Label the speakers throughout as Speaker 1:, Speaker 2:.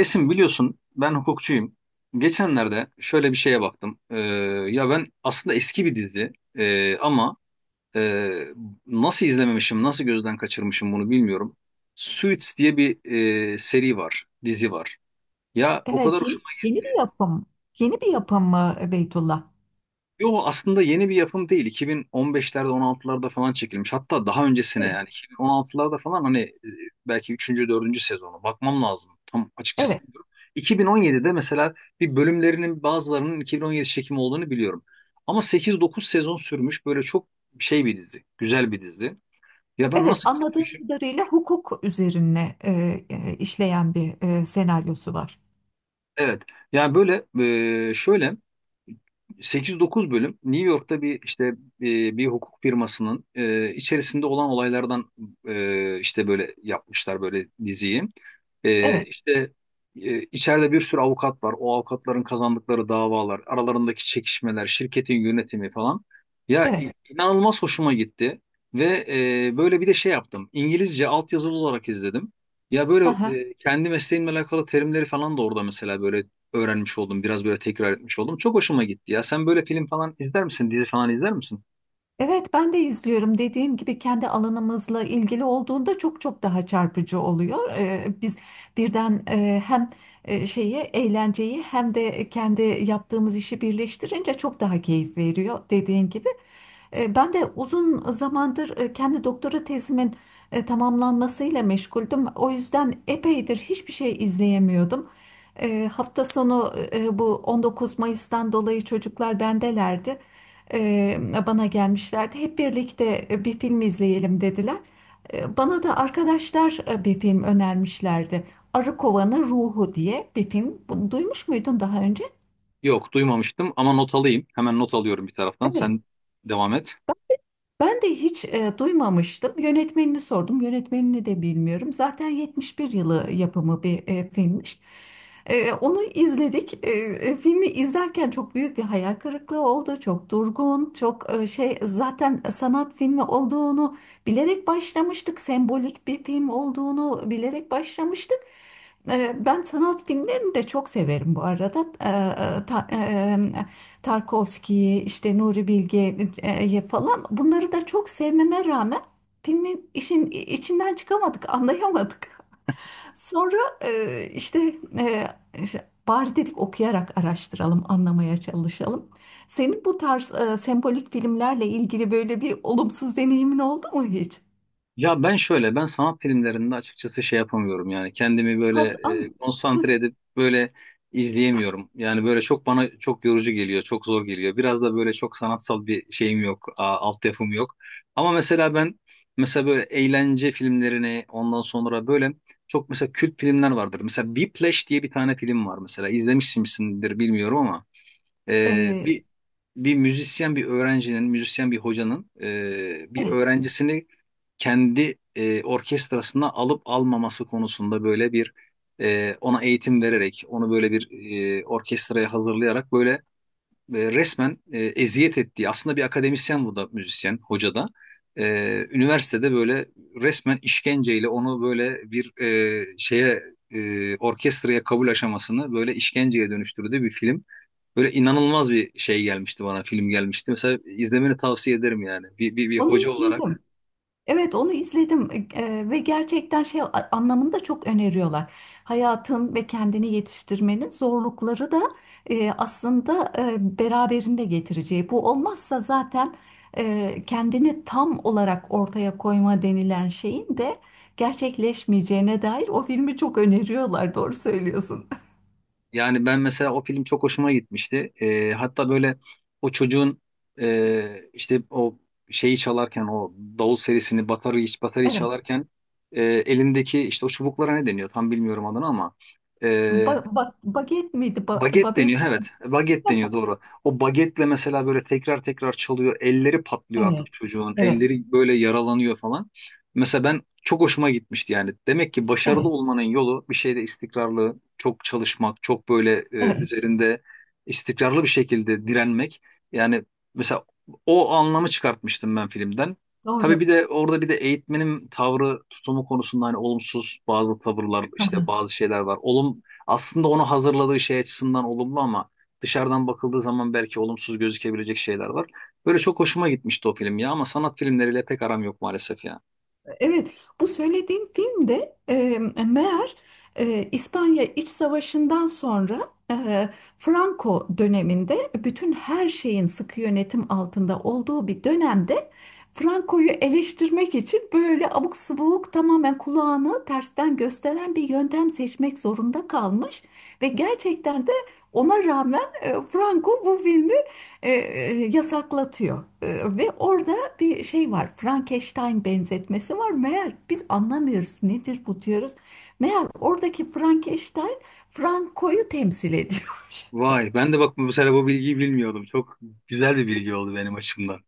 Speaker 1: Esin biliyorsun ben hukukçuyum. Geçenlerde şöyle bir şeye baktım. Ya ben aslında eski bir dizi, ama ee, nasıl izlememişim, nasıl gözden kaçırmışım bunu bilmiyorum. Suits diye bir seri var, dizi var. Ya o kadar.
Speaker 2: Evet, yeni bir yapım. Yeni bir yapım mı Beytullah?
Speaker 1: Yo, aslında yeni bir yapım değil. 2015'lerde 16'larda falan çekilmiş. Hatta daha öncesine
Speaker 2: Evet,
Speaker 1: yani 2016'larda falan hani belki üçüncü dördüncü sezonu bakmam lazım. Tam açıkçası
Speaker 2: evet.
Speaker 1: bilmiyorum. 2017'de mesela bir bölümlerinin bazılarının 2017 çekimi olduğunu biliyorum. Ama sekiz dokuz sezon sürmüş böyle çok şey bir dizi. Güzel bir dizi. Ya ben
Speaker 2: Evet,
Speaker 1: nasıl
Speaker 2: anladığım
Speaker 1: kaçırmışım.
Speaker 2: kadarıyla hukuk üzerine işleyen bir senaryosu var.
Speaker 1: Evet. Yani böyle şöyle sekiz dokuz bölüm New York'ta bir işte bir hukuk firmasının içerisinde olan olaylardan işte böyle yapmışlar böyle diziyi.
Speaker 2: Evet,
Speaker 1: İşte içeride bir sürü avukat var. O avukatların kazandıkları davalar, aralarındaki çekişmeler, şirketin yönetimi falan. Ya
Speaker 2: evet.
Speaker 1: inanılmaz hoşuma gitti ve böyle bir de şey yaptım. İngilizce altyazılı olarak izledim. Ya böyle kendi mesleğimle alakalı terimleri falan da orada mesela böyle öğrenmiş oldum. Biraz böyle tekrar etmiş oldum. Çok hoşuma gitti ya. Sen böyle film falan izler misin? Dizi falan izler misin?
Speaker 2: Evet, ben de izliyorum. Dediğim gibi kendi alanımızla ilgili olduğunda çok çok daha çarpıcı oluyor. Biz birden hem şeyi eğlenceyi hem de kendi yaptığımız işi birleştirince çok daha keyif veriyor dediğin gibi. Ben de uzun zamandır kendi doktora tezimin tamamlanmasıyla meşguldüm. O yüzden epeydir hiçbir şey izleyemiyordum. Hafta sonu bu 19 Mayıs'tan dolayı çocuklar bendelerdi e, bana gelmişlerdi. Hep birlikte bir film izleyelim dediler. Bana da arkadaşlar bir film önermişlerdi. Arı Kovanı Ruhu diye bir film. Bunu duymuş muydun daha önce?
Speaker 1: Yok, duymamıştım ama not alayım. Hemen not alıyorum bir taraftan.
Speaker 2: Evet.
Speaker 1: Sen devam et.
Speaker 2: Ben de hiç duymamıştım. Yönetmenini sordum. Yönetmenini de bilmiyorum. Zaten 71 yılı yapımı bir filmmiş. Onu izledik. Filmi izlerken çok büyük bir hayal kırıklığı oldu. Çok durgun, çok şey zaten sanat filmi olduğunu bilerek başlamıştık. Sembolik bir film olduğunu bilerek başlamıştık. Ben sanat filmlerini de çok severim bu arada. E, ta- e, Tarkovski'yi, işte Nuri Bilge'yi falan bunları da çok sevmeme rağmen filmin işin içinden çıkamadık, anlayamadık. Sonra işte, işte bari dedik okuyarak araştıralım, anlamaya çalışalım. Senin bu tarz sembolik filmlerle ilgili böyle bir olumsuz deneyimin oldu mu hiç?
Speaker 1: Ya ben şöyle, ben sanat filmlerinde açıkçası şey yapamıyorum yani kendimi böyle
Speaker 2: Hazan,
Speaker 1: konsantre edip böyle izleyemiyorum. Yani böyle çok bana çok yorucu geliyor, çok zor geliyor. Biraz da böyle çok sanatsal bir şeyim yok, altyapım yok. Ama mesela ben mesela böyle eğlence filmlerini ondan sonra böyle çok mesela kült filmler vardır. Mesela Whiplash diye bir tane film var mesela izlemişsinizdir bilmiyorum ama. Ee,
Speaker 2: e,
Speaker 1: bir bir müzisyen bir öğrencinin, müzisyen bir hocanın bir
Speaker 2: evet,
Speaker 1: öğrencisini kendi orkestrasına alıp almaması konusunda böyle bir ona eğitim vererek, onu böyle bir orkestraya hazırlayarak böyle resmen eziyet ettiği aslında bir akademisyen bu da müzisyen hoca da e, üniversitede böyle resmen işkenceyle onu böyle bir şeye orkestraya kabul aşamasını böyle işkenceye dönüştürdüğü bir film. Böyle inanılmaz bir şey gelmişti bana film gelmişti. Mesela izlemeni tavsiye ederim yani bir
Speaker 2: onu
Speaker 1: hoca
Speaker 2: izledim.
Speaker 1: olarak.
Speaker 2: Evet, onu izledim. Ve gerçekten şey anlamında çok öneriyorlar. Hayatın ve kendini yetiştirmenin zorlukları da aslında beraberinde getireceği. Bu olmazsa zaten kendini tam olarak ortaya koyma denilen şeyin de gerçekleşmeyeceğine dair o filmi çok öneriyorlar. Doğru söylüyorsun.
Speaker 1: Yani ben mesela o film çok hoşuma gitmişti. Hatta böyle o çocuğun işte o şeyi çalarken o davul serisini batarıyı
Speaker 2: Evet.
Speaker 1: çalarken elindeki işte o çubuklara ne deniyor tam bilmiyorum adını ama.
Speaker 2: Ba
Speaker 1: e,
Speaker 2: ba Baget miydi?
Speaker 1: Baget
Speaker 2: Babet.
Speaker 1: deniyor, evet. Baget deniyor, doğru. O bagetle mesela böyle tekrar tekrar çalıyor. Elleri patlıyor
Speaker 2: Evet.
Speaker 1: artık çocuğun.
Speaker 2: Evet.
Speaker 1: Elleri böyle yaralanıyor falan. Mesela ben çok hoşuma gitmişti yani. Demek ki başarılı
Speaker 2: Evet.
Speaker 1: olmanın yolu bir şeyde istikrarlı, çok çalışmak, çok böyle
Speaker 2: Evet.
Speaker 1: üzerinde istikrarlı bir şekilde direnmek. Yani mesela o anlamı çıkartmıştım ben filmden. Tabii
Speaker 2: Doğru.
Speaker 1: bir de orada bir de eğitmenin tavrı, tutumu konusunda hani olumsuz bazı tavırlar, işte bazı şeyler var. Aslında onu hazırladığı şey açısından olumlu ama dışarıdan bakıldığı zaman belki olumsuz gözükebilecek şeyler var. Böyle çok hoşuma gitmişti o film ya ama sanat filmleriyle pek aram yok maalesef ya.
Speaker 2: Evet, bu söylediğim film de meğer İspanya İç Savaşı'ndan sonra e, Franco döneminde bütün her şeyin sıkı yönetim altında olduğu bir dönemde Franco'yu eleştirmek için böyle abuk subuk tamamen kulağını tersten gösteren bir yöntem seçmek zorunda kalmış ve gerçekten de ona rağmen Franco bu filmi yasaklatıyor. Ve orada bir şey var. Frankenstein benzetmesi var. Meğer biz anlamıyoruz nedir bu diyoruz. Meğer oradaki Frankenstein Franco'yu temsil ediyormuş.
Speaker 1: Vay ben de bak bu sefer bu bilgiyi bilmiyordum. Çok güzel bir bilgi oldu benim açımdan.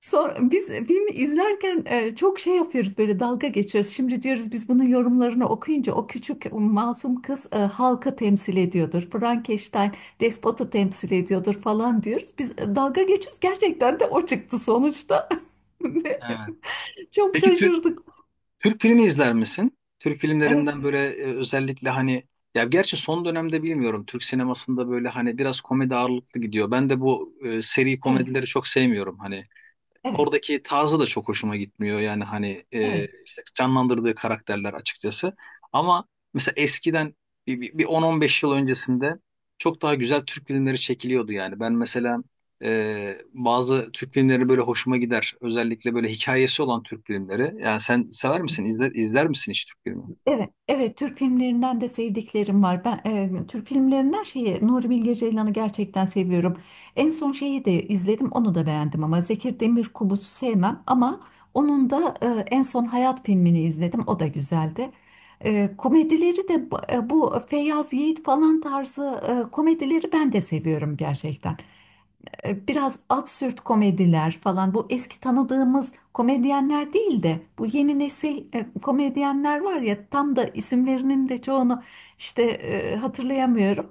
Speaker 2: Sonra biz filmi izlerken çok şey yapıyoruz böyle dalga geçiyoruz. Şimdi diyoruz biz bunun yorumlarını okuyunca o küçük o masum kız halkı temsil ediyordur. Frankenstein despotu temsil ediyordur falan diyoruz. Biz dalga geçiyoruz. Gerçekten de o çıktı sonuçta.
Speaker 1: Evet.
Speaker 2: Çok
Speaker 1: Peki
Speaker 2: şaşırdık.
Speaker 1: Türk filmi izler misin? Türk
Speaker 2: Evet,
Speaker 1: filmlerinden böyle özellikle hani ya gerçi son dönemde bilmiyorum Türk sinemasında böyle hani biraz komedi ağırlıklı gidiyor. Ben de bu seri
Speaker 2: evet,
Speaker 1: komedileri çok sevmiyorum. Hani.
Speaker 2: evet,
Speaker 1: Oradaki tarzı da çok hoşuma gitmiyor. Yani hani
Speaker 2: evet.
Speaker 1: işte canlandırdığı karakterler açıkçası. Ama mesela eskiden bir 10-15 yıl öncesinde çok daha güzel Türk filmleri çekiliyordu yani. Ben mesela bazı Türk filmleri böyle hoşuma gider. Özellikle böyle hikayesi olan Türk filmleri. Yani sen sever misin? İzler misin hiç Türk filmi?
Speaker 2: Evet, evet, Türk filmlerinden de sevdiklerim var. Ben Türk filmlerinden şeyi Nuri Bilge Ceylan'ı gerçekten seviyorum. En son şeyi de izledim, onu da beğendim ama Zeki Demirkubuz'u sevmem ama onun da en son Hayat filmini izledim. O da güzeldi. Komedileri de bu bu Feyyaz Yiğit falan tarzı komedileri ben de seviyorum gerçekten. E, biraz absürt komediler falan bu eski tanıdığımız komedyenler değil de bu yeni nesil komedyenler var ya tam da isimlerinin de çoğunu işte hatırlayamıyorum.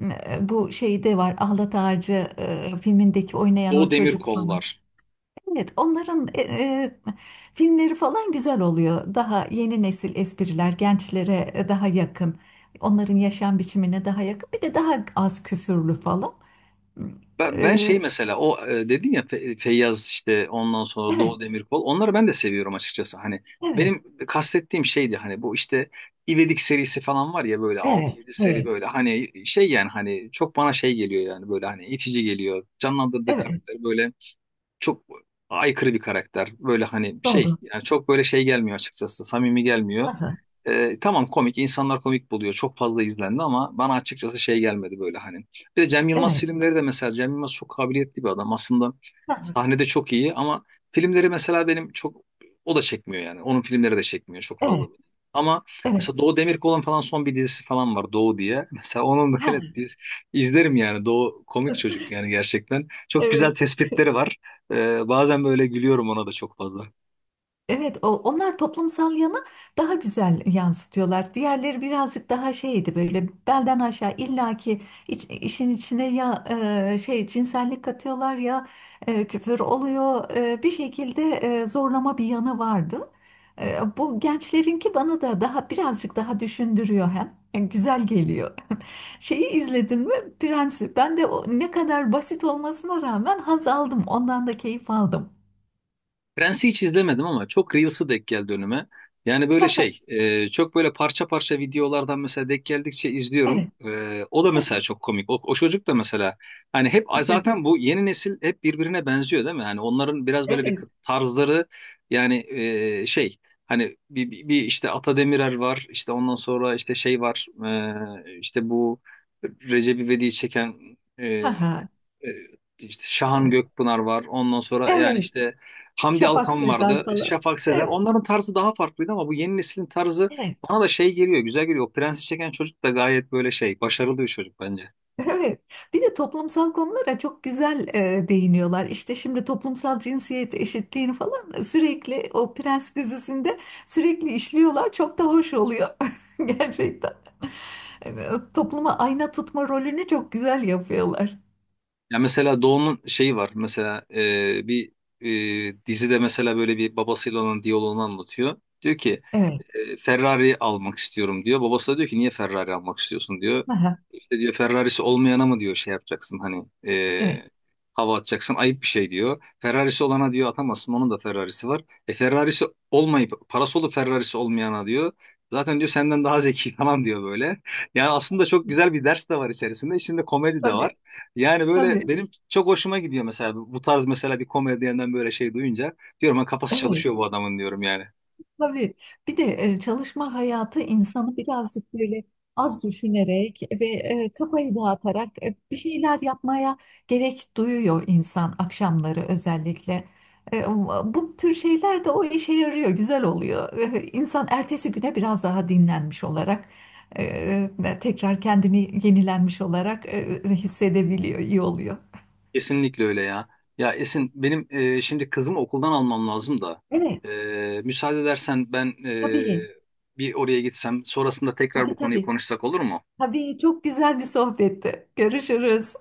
Speaker 2: Bu şeyde var Ahlat Ağacı filmindeki oynayan
Speaker 1: Doğu
Speaker 2: o çocuk
Speaker 1: Demirkol
Speaker 2: falan.
Speaker 1: var.
Speaker 2: Evet, onların filmleri falan güzel oluyor. Daha yeni nesil espriler gençlere daha yakın. Onların yaşam biçimine daha yakın. Bir de daha az küfürlü falan.
Speaker 1: Ben şey
Speaker 2: E,
Speaker 1: mesela o dedin ya Feyyaz işte ondan sonra
Speaker 2: Evet.
Speaker 1: Doğu Demirkol onları ben de seviyorum açıkçası. Hani
Speaker 2: Evet,
Speaker 1: benim kastettiğim şeydi hani bu işte İvedik serisi falan var ya böyle altı
Speaker 2: evet,
Speaker 1: yedi seri
Speaker 2: evet,
Speaker 1: böyle hani şey yani hani çok bana şey geliyor yani böyle hani itici geliyor. Canlandırdığı
Speaker 2: evet,
Speaker 1: karakter böyle çok aykırı bir karakter. Böyle hani şey
Speaker 2: doğru.
Speaker 1: yani çok böyle şey gelmiyor açıkçası samimi gelmiyor.
Speaker 2: Hı hı.
Speaker 1: Tamam, komik insanlar komik buluyor çok fazla izlendi ama bana açıkçası şey gelmedi böyle hani. Bir de Cem Yılmaz
Speaker 2: Evet,
Speaker 1: filmleri de mesela Cem Yılmaz çok kabiliyetli bir adam aslında
Speaker 2: hı hı,
Speaker 1: sahnede çok iyi ama filmleri mesela benim çok o da çekmiyor yani onun filmleri de çekmiyor çok fazla.
Speaker 2: evet,
Speaker 1: Ama
Speaker 2: evet,
Speaker 1: mesela Doğu Demirkol'un falan son bir dizisi falan var Doğu diye. Mesela onun
Speaker 2: hı
Speaker 1: böyle
Speaker 2: hı,
Speaker 1: izlerim yani Doğu komik çocuk yani gerçekten. Çok güzel
Speaker 2: evet,
Speaker 1: tespitleri var. Bazen böyle gülüyorum ona da çok fazla.
Speaker 2: evet. O, onlar toplumsal yanı daha güzel yansıtıyorlar. Diğerleri birazcık daha şeydi böyle belden aşağı illaki işin içine ya şey cinsellik katıyorlar ya küfür oluyor. Bir şekilde zorlama bir yanı vardı. Bu gençlerinki bana da daha birazcık daha düşündürüyor hem. Yani güzel geliyor. Şeyi izledin mi? Prensi. Ben de o ne kadar basit olmasına rağmen haz aldım. Ondan da keyif aldım.
Speaker 1: Prens'i hiç izlemedim ama çok Reels'ı denk geldi önüme. Yani böyle şey, çok böyle parça parça videolardan mesela denk geldikçe izliyorum.
Speaker 2: Evet,
Speaker 1: O da mesela çok komik. O çocuk da mesela hani hep
Speaker 2: evet,
Speaker 1: zaten bu yeni nesil hep birbirine benziyor değil mi? Hani onların biraz böyle bir
Speaker 2: evet.
Speaker 1: tarzları yani şey hani bir işte Ata Demirer var işte ondan sonra işte şey var işte bu Recep İvedik'i çeken e,
Speaker 2: Ha
Speaker 1: e,
Speaker 2: ha.
Speaker 1: işte Şahan Gökpınar var ondan sonra yani
Speaker 2: Evet.
Speaker 1: işte Hamdi
Speaker 2: Şafak
Speaker 1: Alkan
Speaker 2: Sezer
Speaker 1: vardı.
Speaker 2: falan.
Speaker 1: Şafak Sezer.
Speaker 2: Evet,
Speaker 1: Onların tarzı daha farklıydı ama bu yeni neslin tarzı
Speaker 2: evet.
Speaker 1: bana da şey geliyor. Güzel geliyor. O Prensi çeken çocuk da gayet böyle şey. Başarılı bir çocuk bence.
Speaker 2: Evet. Bir de toplumsal konulara çok güzel değiniyorlar. İşte şimdi toplumsal cinsiyet eşitliğini falan sürekli o Prens dizisinde sürekli işliyorlar. Çok da hoş oluyor. Gerçekten. Topluma ayna tutma rolünü çok güzel yapıyorlar.
Speaker 1: Ya mesela Doğu'nun şeyi var. Mesela bir dizide mesela böyle bir babasıyla olan diyaloğunu anlatıyor. Diyor ki
Speaker 2: Evet.
Speaker 1: Ferrari almak istiyorum diyor. Babası da diyor ki niye Ferrari almak istiyorsun diyor.
Speaker 2: Ha ha.
Speaker 1: İşte diyor Ferrari'si olmayana mı diyor şey yapacaksın hani
Speaker 2: Evet.
Speaker 1: e, hava atacaksın ayıp bir şey diyor. Ferrari'si olana diyor atamazsın onun da Ferrari'si var. Ferrari'si olmayıp parası olup Ferrari'si olmayana diyor. Zaten diyor senden daha zeki falan diyor böyle. Yani aslında çok güzel bir ders de var içerisinde. İçinde komedi de
Speaker 2: Tabii,
Speaker 1: var. Yani böyle
Speaker 2: tabii.
Speaker 1: benim çok hoşuma gidiyor mesela bu tarz mesela bir komedyenden böyle şey duyunca diyorum ha kafası
Speaker 2: Evet,
Speaker 1: çalışıyor bu adamın diyorum yani.
Speaker 2: tabii. Bir de çalışma hayatı insanı birazcık böyle az düşünerek ve kafayı dağıtarak bir şeyler yapmaya gerek duyuyor insan akşamları özellikle. E, Bu tür şeyler de o işe yarıyor, güzel oluyor. E, İnsan ertesi güne biraz daha dinlenmiş olarak, tekrar kendini yenilenmiş olarak hissedebiliyor, iyi oluyor.
Speaker 1: Kesinlikle öyle ya. Ya Esin benim şimdi kızımı okuldan almam lazım da
Speaker 2: Evet,
Speaker 1: müsaade edersen ben
Speaker 2: tabii.
Speaker 1: bir oraya gitsem sonrasında tekrar bu
Speaker 2: Tabii,
Speaker 1: konuyu
Speaker 2: tabii.
Speaker 1: konuşsak olur mu?
Speaker 2: Tabii çok güzel bir sohbetti. Görüşürüz.